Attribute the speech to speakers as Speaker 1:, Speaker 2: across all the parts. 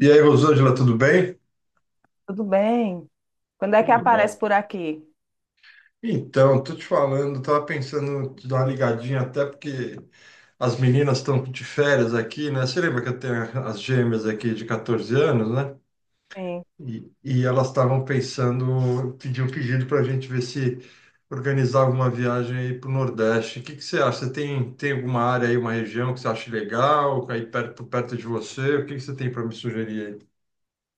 Speaker 1: E aí, Rosângela, tudo bem?
Speaker 2: Tudo bem? Quando é que
Speaker 1: Tudo
Speaker 2: aparece
Speaker 1: bom.
Speaker 2: por aqui?
Speaker 1: Então, tô te falando, tava pensando em te dar uma ligadinha, até porque as meninas estão de férias aqui, né? Você lembra que eu tenho as gêmeas aqui de 14 anos, né?
Speaker 2: Sim.
Speaker 1: E elas estavam pensando, pediu um pedido para a gente ver se organizava uma viagem aí para o Nordeste. O que que você acha? Você tem alguma área aí, uma região que você acha legal, aí perto de você? O que que você tem para me sugerir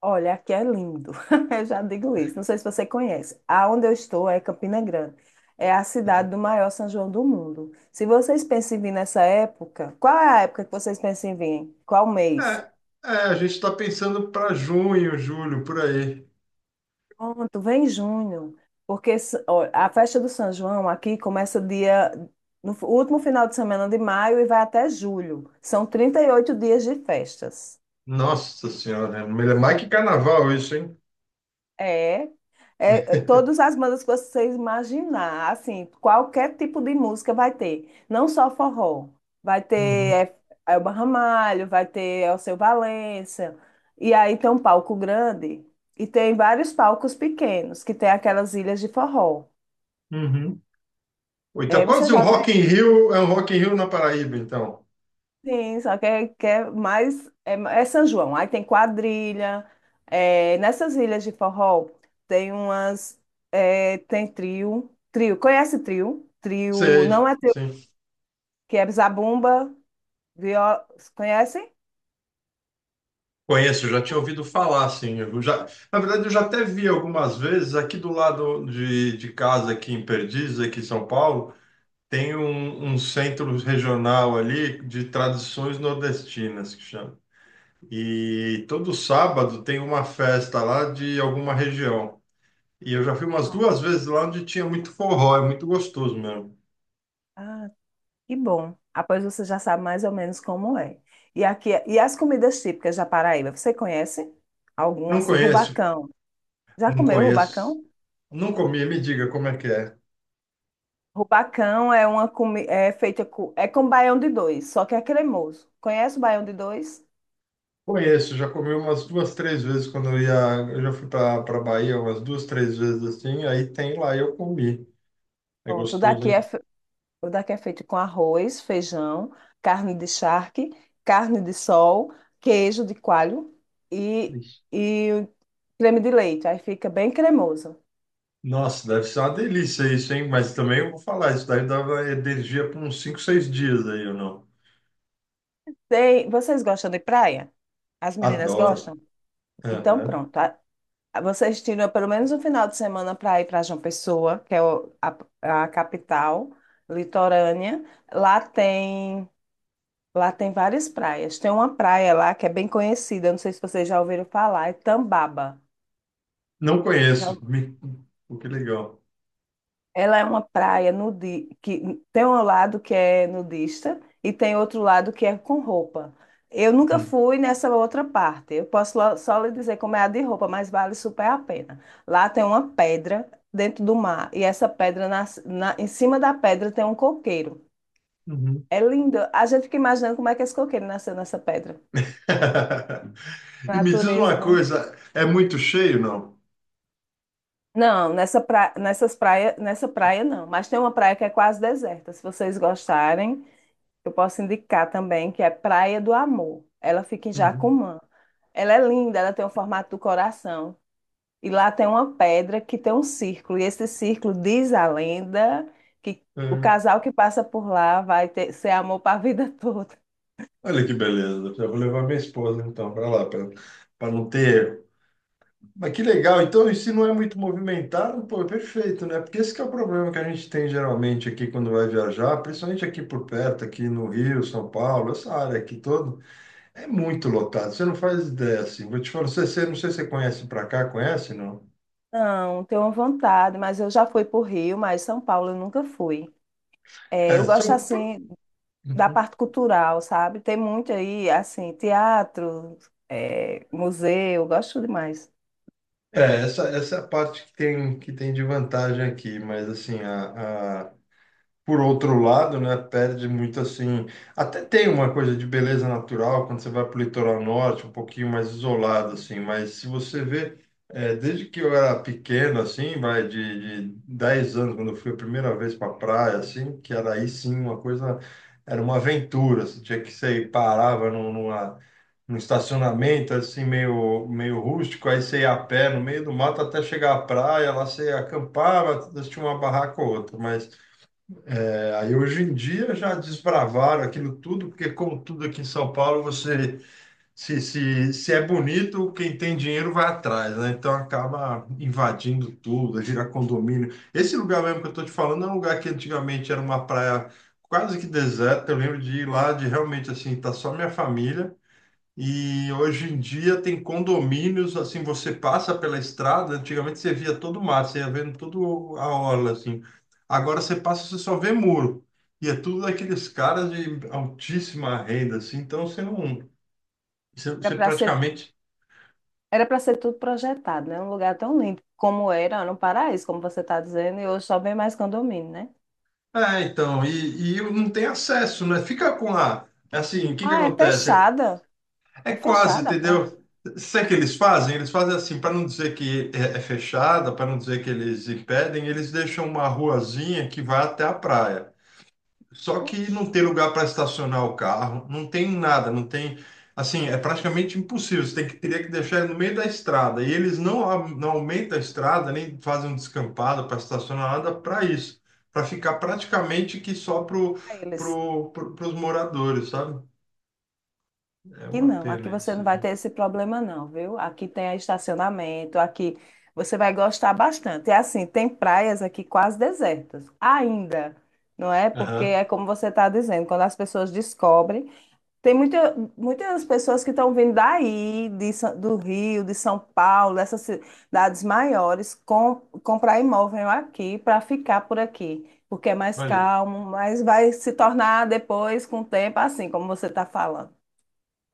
Speaker 2: Olha, aqui é lindo. Eu já digo isso. Não sei se você conhece. Aonde eu estou é Campina Grande. É a cidade do
Speaker 1: aí?
Speaker 2: maior São João do mundo. Se vocês pensam em vir nessa época, qual é a época que vocês pensam em vir? Qual
Speaker 1: É,
Speaker 2: mês?
Speaker 1: a gente está pensando para junho, julho, por aí.
Speaker 2: Pronto, vem junho. Porque ó, a festa do São João aqui começa dia no último final de semana de maio e vai até julho. São 38 dias de festas.
Speaker 1: Nossa Senhora, é mais que carnaval isso, hein?
Speaker 2: É, todas as bandas que vocês imaginar, assim, qualquer tipo de música vai ter, não só forró, vai ter
Speaker 1: Uhum,
Speaker 2: Elba Ramalho, vai ter Alceu Valença, e aí tem um palco grande e tem vários palcos pequenos, que tem aquelas ilhas de forró.
Speaker 1: uhum. Ou então,
Speaker 2: É, você
Speaker 1: quase um
Speaker 2: já...
Speaker 1: Rock in Rio, é um Rock in Rio na Paraíba, então.
Speaker 2: Sim, só que é mais. É, é São João. Aí tem quadrilha. Nessas ilhas de forró tem umas. Tem trio. Trio. Conhece trio? Trio. Não
Speaker 1: Sei,
Speaker 2: é trio,
Speaker 1: sim.
Speaker 2: que é zabumba. Viola, conhecem?
Speaker 1: Conheço, já tinha ouvido falar, sim. Na verdade, eu já até vi algumas vezes aqui do lado de casa, aqui em Perdiz, aqui em São Paulo, tem um centro regional ali de tradições nordestinas, que chama. E todo sábado tem uma festa lá de alguma região. E eu já fui umas
Speaker 2: Ah,
Speaker 1: duas vezes lá onde tinha muito forró, é muito gostoso mesmo.
Speaker 2: ah, que bom. Após você já sabe mais ou menos como é. E aqui, e as comidas típicas da Paraíba, você conhece? Alguma
Speaker 1: Não
Speaker 2: assim?
Speaker 1: conheço,
Speaker 2: Rubacão. Já
Speaker 1: não
Speaker 2: comeu
Speaker 1: conheço.
Speaker 2: rubacão?
Speaker 1: Não comi, me diga como é que é.
Speaker 2: Rubacão é uma é feita com, é com baião de dois, só que é cremoso. Conhece o baião de dois?
Speaker 1: Conheço, já comi umas duas, três vezes quando eu ia. Eu já fui para Bahia umas duas, três vezes assim, aí tem lá e eu comi. É
Speaker 2: Pronto, o
Speaker 1: gostoso,
Speaker 2: daqui é,
Speaker 1: hein?
Speaker 2: o daqui é feito com arroz, feijão, carne de charque, carne de sol, queijo de coalho e,
Speaker 1: Ixi.
Speaker 2: e creme de leite. Aí fica bem cremoso.
Speaker 1: Nossa, deve ser uma delícia isso, hein? Mas também eu vou falar, isso daí dava energia por uns 5, 6 dias aí, ou não.
Speaker 2: Vocês gostam de praia? As meninas
Speaker 1: Adoro.
Speaker 2: gostam? Então
Speaker 1: Aham.
Speaker 2: pronto. Vocês tiram pelo menos um final de semana para ir para João Pessoa, que é a capital litorânea. Lá tem, lá tem várias praias. Tem uma praia lá que é bem conhecida, não sei se vocês já ouviram falar, é Tambaba.
Speaker 1: Não conheço. Pô, que legal.
Speaker 2: Ela é uma praia nudi que tem um lado que é nudista e tem outro lado que é com roupa. Eu nunca
Speaker 1: Uhum.
Speaker 2: fui nessa outra parte. Eu posso só lhe dizer como é a de roupa, mas vale super a pena. Lá tem uma pedra dentro do mar e essa pedra em cima da pedra tem um coqueiro.
Speaker 1: Uhum.
Speaker 2: É lindo. A gente fica imaginando como é que esse coqueiro nasceu nessa pedra.
Speaker 1: E me diz uma
Speaker 2: Natureza, né?
Speaker 1: coisa, é muito cheio, não?
Speaker 2: Não, nessa pra... nessas praia... nessa praia não. Mas tem uma praia que é quase deserta. Se vocês gostarem, eu posso indicar também que é Praia do Amor. Ela fica em
Speaker 1: Uhum.
Speaker 2: Jacumã. Ela é linda, ela tem o formato do coração. E lá tem uma pedra que tem um círculo. E esse círculo diz a lenda que o
Speaker 1: É.
Speaker 2: casal que passa por lá vai ter, ser amor para a vida toda.
Speaker 1: Olha que beleza. Já vou levar minha esposa então para lá, para não ter. Mas que legal. Então, e se não é muito movimentado, pô, é perfeito, né? Porque esse que é o problema que a gente tem geralmente aqui quando vai viajar, principalmente aqui por perto, aqui no Rio, São Paulo, essa área aqui toda, é muito lotado. Você não faz ideia assim. Vou te falar, não sei se você conhece para cá, conhece, não?
Speaker 2: Não, tenho vontade, mas eu já fui para o Rio, mas São Paulo eu nunca fui. É,
Speaker 1: É,
Speaker 2: eu
Speaker 1: só
Speaker 2: gosto assim da
Speaker 1: Uhum.
Speaker 2: parte cultural, sabe? Tem muito aí, assim, teatro, museu, eu gosto demais.
Speaker 1: É, essa é a parte que tem de vantagem aqui, mas assim, por outro lado, né, perde muito assim. Até tem uma coisa de beleza natural quando você vai para o litoral norte, um pouquinho mais isolado, assim, mas se você vê, desde que eu era pequeno, assim, vai de 10 anos, quando eu fui a primeira vez para a praia, assim, que era aí sim uma coisa, era uma aventura, você tinha que sair, parava num- numa um estacionamento assim meio rústico, aí você ia a pé no meio do mato até chegar à praia, lá você acampava, tinha uma barraca ou outra, mas aí hoje em dia já desbravaram aquilo tudo, porque como tudo aqui em São Paulo, você se é bonito, quem tem dinheiro vai atrás, né? Então acaba invadindo tudo, gira condomínio. Esse lugar mesmo que eu estou te falando é um lugar que antigamente era uma praia quase que deserta, eu lembro de ir lá, de realmente assim, tá só minha família, e hoje em dia tem condomínios, assim, você passa pela estrada, antigamente você via todo o mar, você ia vendo toda a orla, assim. Agora você passa, você só vê muro. E é tudo daqueles caras de altíssima renda, assim, então você não, você,
Speaker 2: Era
Speaker 1: você
Speaker 2: para ser
Speaker 1: praticamente...
Speaker 2: Era para ser tudo projetado, né? Um lugar tão lindo como era no Paraíso, como você está dizendo, e hoje só vem mais condomínio, né?
Speaker 1: É, então, e não tem acesso, né? Fica com a... Assim, o que que
Speaker 2: Ah, é
Speaker 1: acontece?
Speaker 2: fechada.
Speaker 1: É
Speaker 2: É
Speaker 1: quase,
Speaker 2: fechada para
Speaker 1: entendeu? Sabe o que eles fazem? Eles fazem assim, para não dizer que é fechada, para não dizer que eles impedem, eles deixam uma ruazinha que vai até a praia. Só que não tem lugar para estacionar o carro, não tem nada, não tem. Assim, é praticamente impossível. Você tem que, teria que deixar ele no meio da estrada. E eles não, não aumentam a estrada, nem fazem um descampado para estacionar nada para isso. Para ficar praticamente que só pro,
Speaker 2: eles.
Speaker 1: pro, pro, os moradores, sabe? É
Speaker 2: Que
Speaker 1: uma
Speaker 2: não, aqui
Speaker 1: pena
Speaker 2: você não
Speaker 1: isso,
Speaker 2: vai
Speaker 1: viu?
Speaker 2: ter esse problema, não, viu? Aqui tem estacionamento, aqui você vai gostar bastante. É assim, tem praias aqui quase desertas, ainda, não é? Porque
Speaker 1: Aham.
Speaker 2: é como você está dizendo, quando as pessoas descobrem. Tem muita, muitas pessoas que estão vindo daí, de do Rio, de São Paulo, dessas cidades maiores, com, comprar imóvel aqui para ficar por aqui, porque é mais
Speaker 1: Olha.
Speaker 2: calmo, mas vai se tornar depois, com o tempo, assim como você está falando.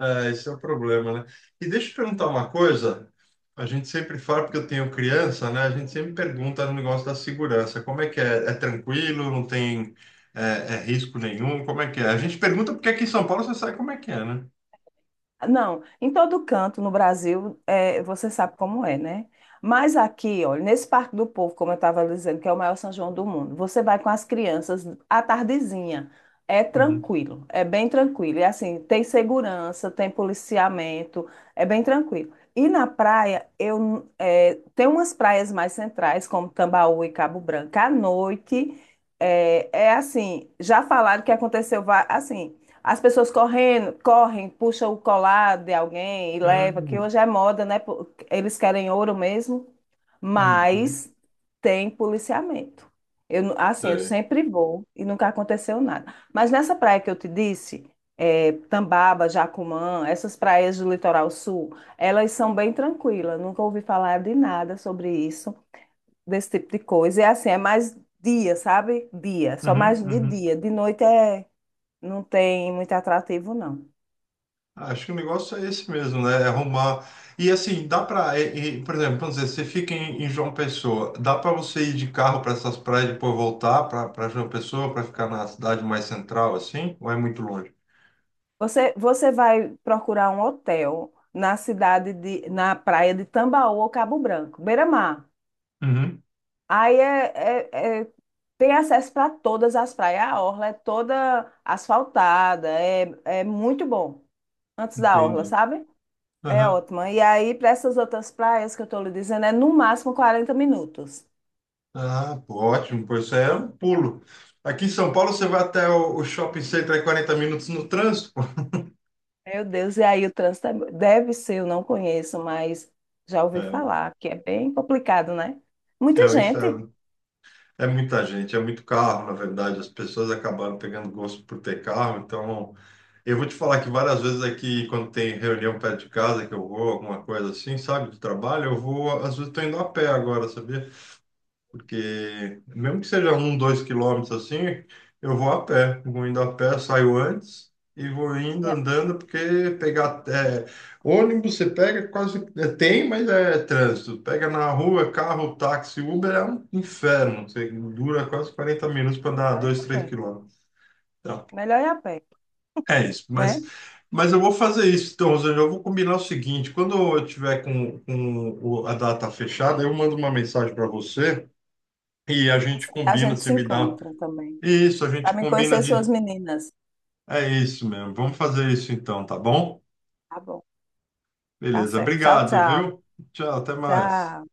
Speaker 1: É, esse é o problema, né? E deixa eu te perguntar uma coisa. A gente sempre fala, porque eu tenho criança, né? A gente sempre pergunta no negócio da segurança. Como é que é? É tranquilo? Não tem é, risco nenhum? Como é que é? A gente pergunta porque aqui em São Paulo você sabe como é que é, né?
Speaker 2: Não, em todo canto no Brasil, é, você sabe como é, né? Mas aqui, olha, nesse Parque do Povo, como eu estava dizendo, que é o maior São João do mundo, você vai com as crianças à tardezinha. É
Speaker 1: Uhum.
Speaker 2: tranquilo, é bem tranquilo. E assim, tem segurança, tem policiamento, é bem tranquilo. E na praia, eu, é, tem umas praias mais centrais, como Tambaú e Cabo Branco. À noite, é, é assim, já falaram que aconteceu, assim. As pessoas correndo, correm, puxam o colar de alguém e leva, que
Speaker 1: Uhum.
Speaker 2: hoje é moda, né? Pô, eles querem ouro mesmo,
Speaker 1: Uhum.
Speaker 2: mas tem policiamento. Eu, assim, eu
Speaker 1: Sei.
Speaker 2: sempre vou e nunca aconteceu nada. Mas nessa praia que eu te disse, é, Tambaba, Jacumã, essas praias do litoral sul, elas são bem tranquilas. Nunca ouvi falar de nada sobre isso, desse tipo de coisa. E assim, é mais dia, sabe? Dia, só
Speaker 1: Uhum.
Speaker 2: mais de
Speaker 1: Uhum.
Speaker 2: dia. De noite é... não tem muito atrativo, não.
Speaker 1: Acho que o negócio é esse mesmo, né? É arrumar. E assim, dá para, por exemplo, vamos dizer, você fica em, João Pessoa, dá para você ir de carro para essas praias e depois voltar para João Pessoa para ficar na cidade mais central, assim? Ou é muito longe?
Speaker 2: Você, você vai procurar um hotel na cidade de, na praia de Tambaú ou Cabo Branco, beira-mar.
Speaker 1: Uhum.
Speaker 2: Aí é, é- é- tem acesso para todas as praias. A orla é toda asfaltada, é, é muito bom. Antes da orla,
Speaker 1: Entendi.
Speaker 2: sabe? É
Speaker 1: Aham.
Speaker 2: ótima. E aí, para essas outras praias que eu estou lhe dizendo, é no máximo 40 minutos.
Speaker 1: Ah, pô, ótimo, pois isso aí é um pulo. Aqui em São Paulo você vai até o shopping center em 40 minutos no trânsito. pô.
Speaker 2: Meu Deus, e aí o trânsito deve ser, eu não conheço, mas já ouvi falar que é bem complicado, né?
Speaker 1: É
Speaker 2: Muita
Speaker 1: um
Speaker 2: gente.
Speaker 1: inferno. É muita gente, é muito carro, na verdade. As pessoas acabaram pegando gosto por ter carro, então. Eu vou te falar que várias vezes aqui, quando tem reunião perto de casa, que eu vou, alguma coisa assim, sabe, do trabalho, eu vou, às vezes estou indo a pé agora, sabia? Porque, mesmo que seja 1, 2 quilômetros assim, eu vou a pé. Vou indo a pé, saio antes e vou indo
Speaker 2: E é-
Speaker 1: andando, porque pegar é, ônibus você pega quase, tem, mas é trânsito. Pega na rua, carro, táxi, Uber é um inferno. Você dura quase 40 minutos para andar
Speaker 2: Melhor ir
Speaker 1: dois,
Speaker 2: a
Speaker 1: três
Speaker 2: pé,
Speaker 1: quilômetros. Então,
Speaker 2: melhor ir a pé,
Speaker 1: é isso,
Speaker 2: né?
Speaker 1: mas eu vou fazer isso. Então, Rosane, eu vou combinar o seguinte: quando eu tiver com a data fechada, eu mando uma mensagem para você e a gente
Speaker 2: Nossa, a
Speaker 1: combina,
Speaker 2: gente
Speaker 1: você
Speaker 2: se
Speaker 1: me dá.
Speaker 2: encontra também.
Speaker 1: Isso, a
Speaker 2: Para
Speaker 1: gente
Speaker 2: me
Speaker 1: combina
Speaker 2: conhecer suas
Speaker 1: de.
Speaker 2: meninas.
Speaker 1: É isso mesmo. Vamos fazer isso então, tá bom?
Speaker 2: Tá bom, tá
Speaker 1: Beleza,
Speaker 2: certo. Tchau,
Speaker 1: obrigado,
Speaker 2: tchau.
Speaker 1: viu? Tchau, até mais.
Speaker 2: Tchau.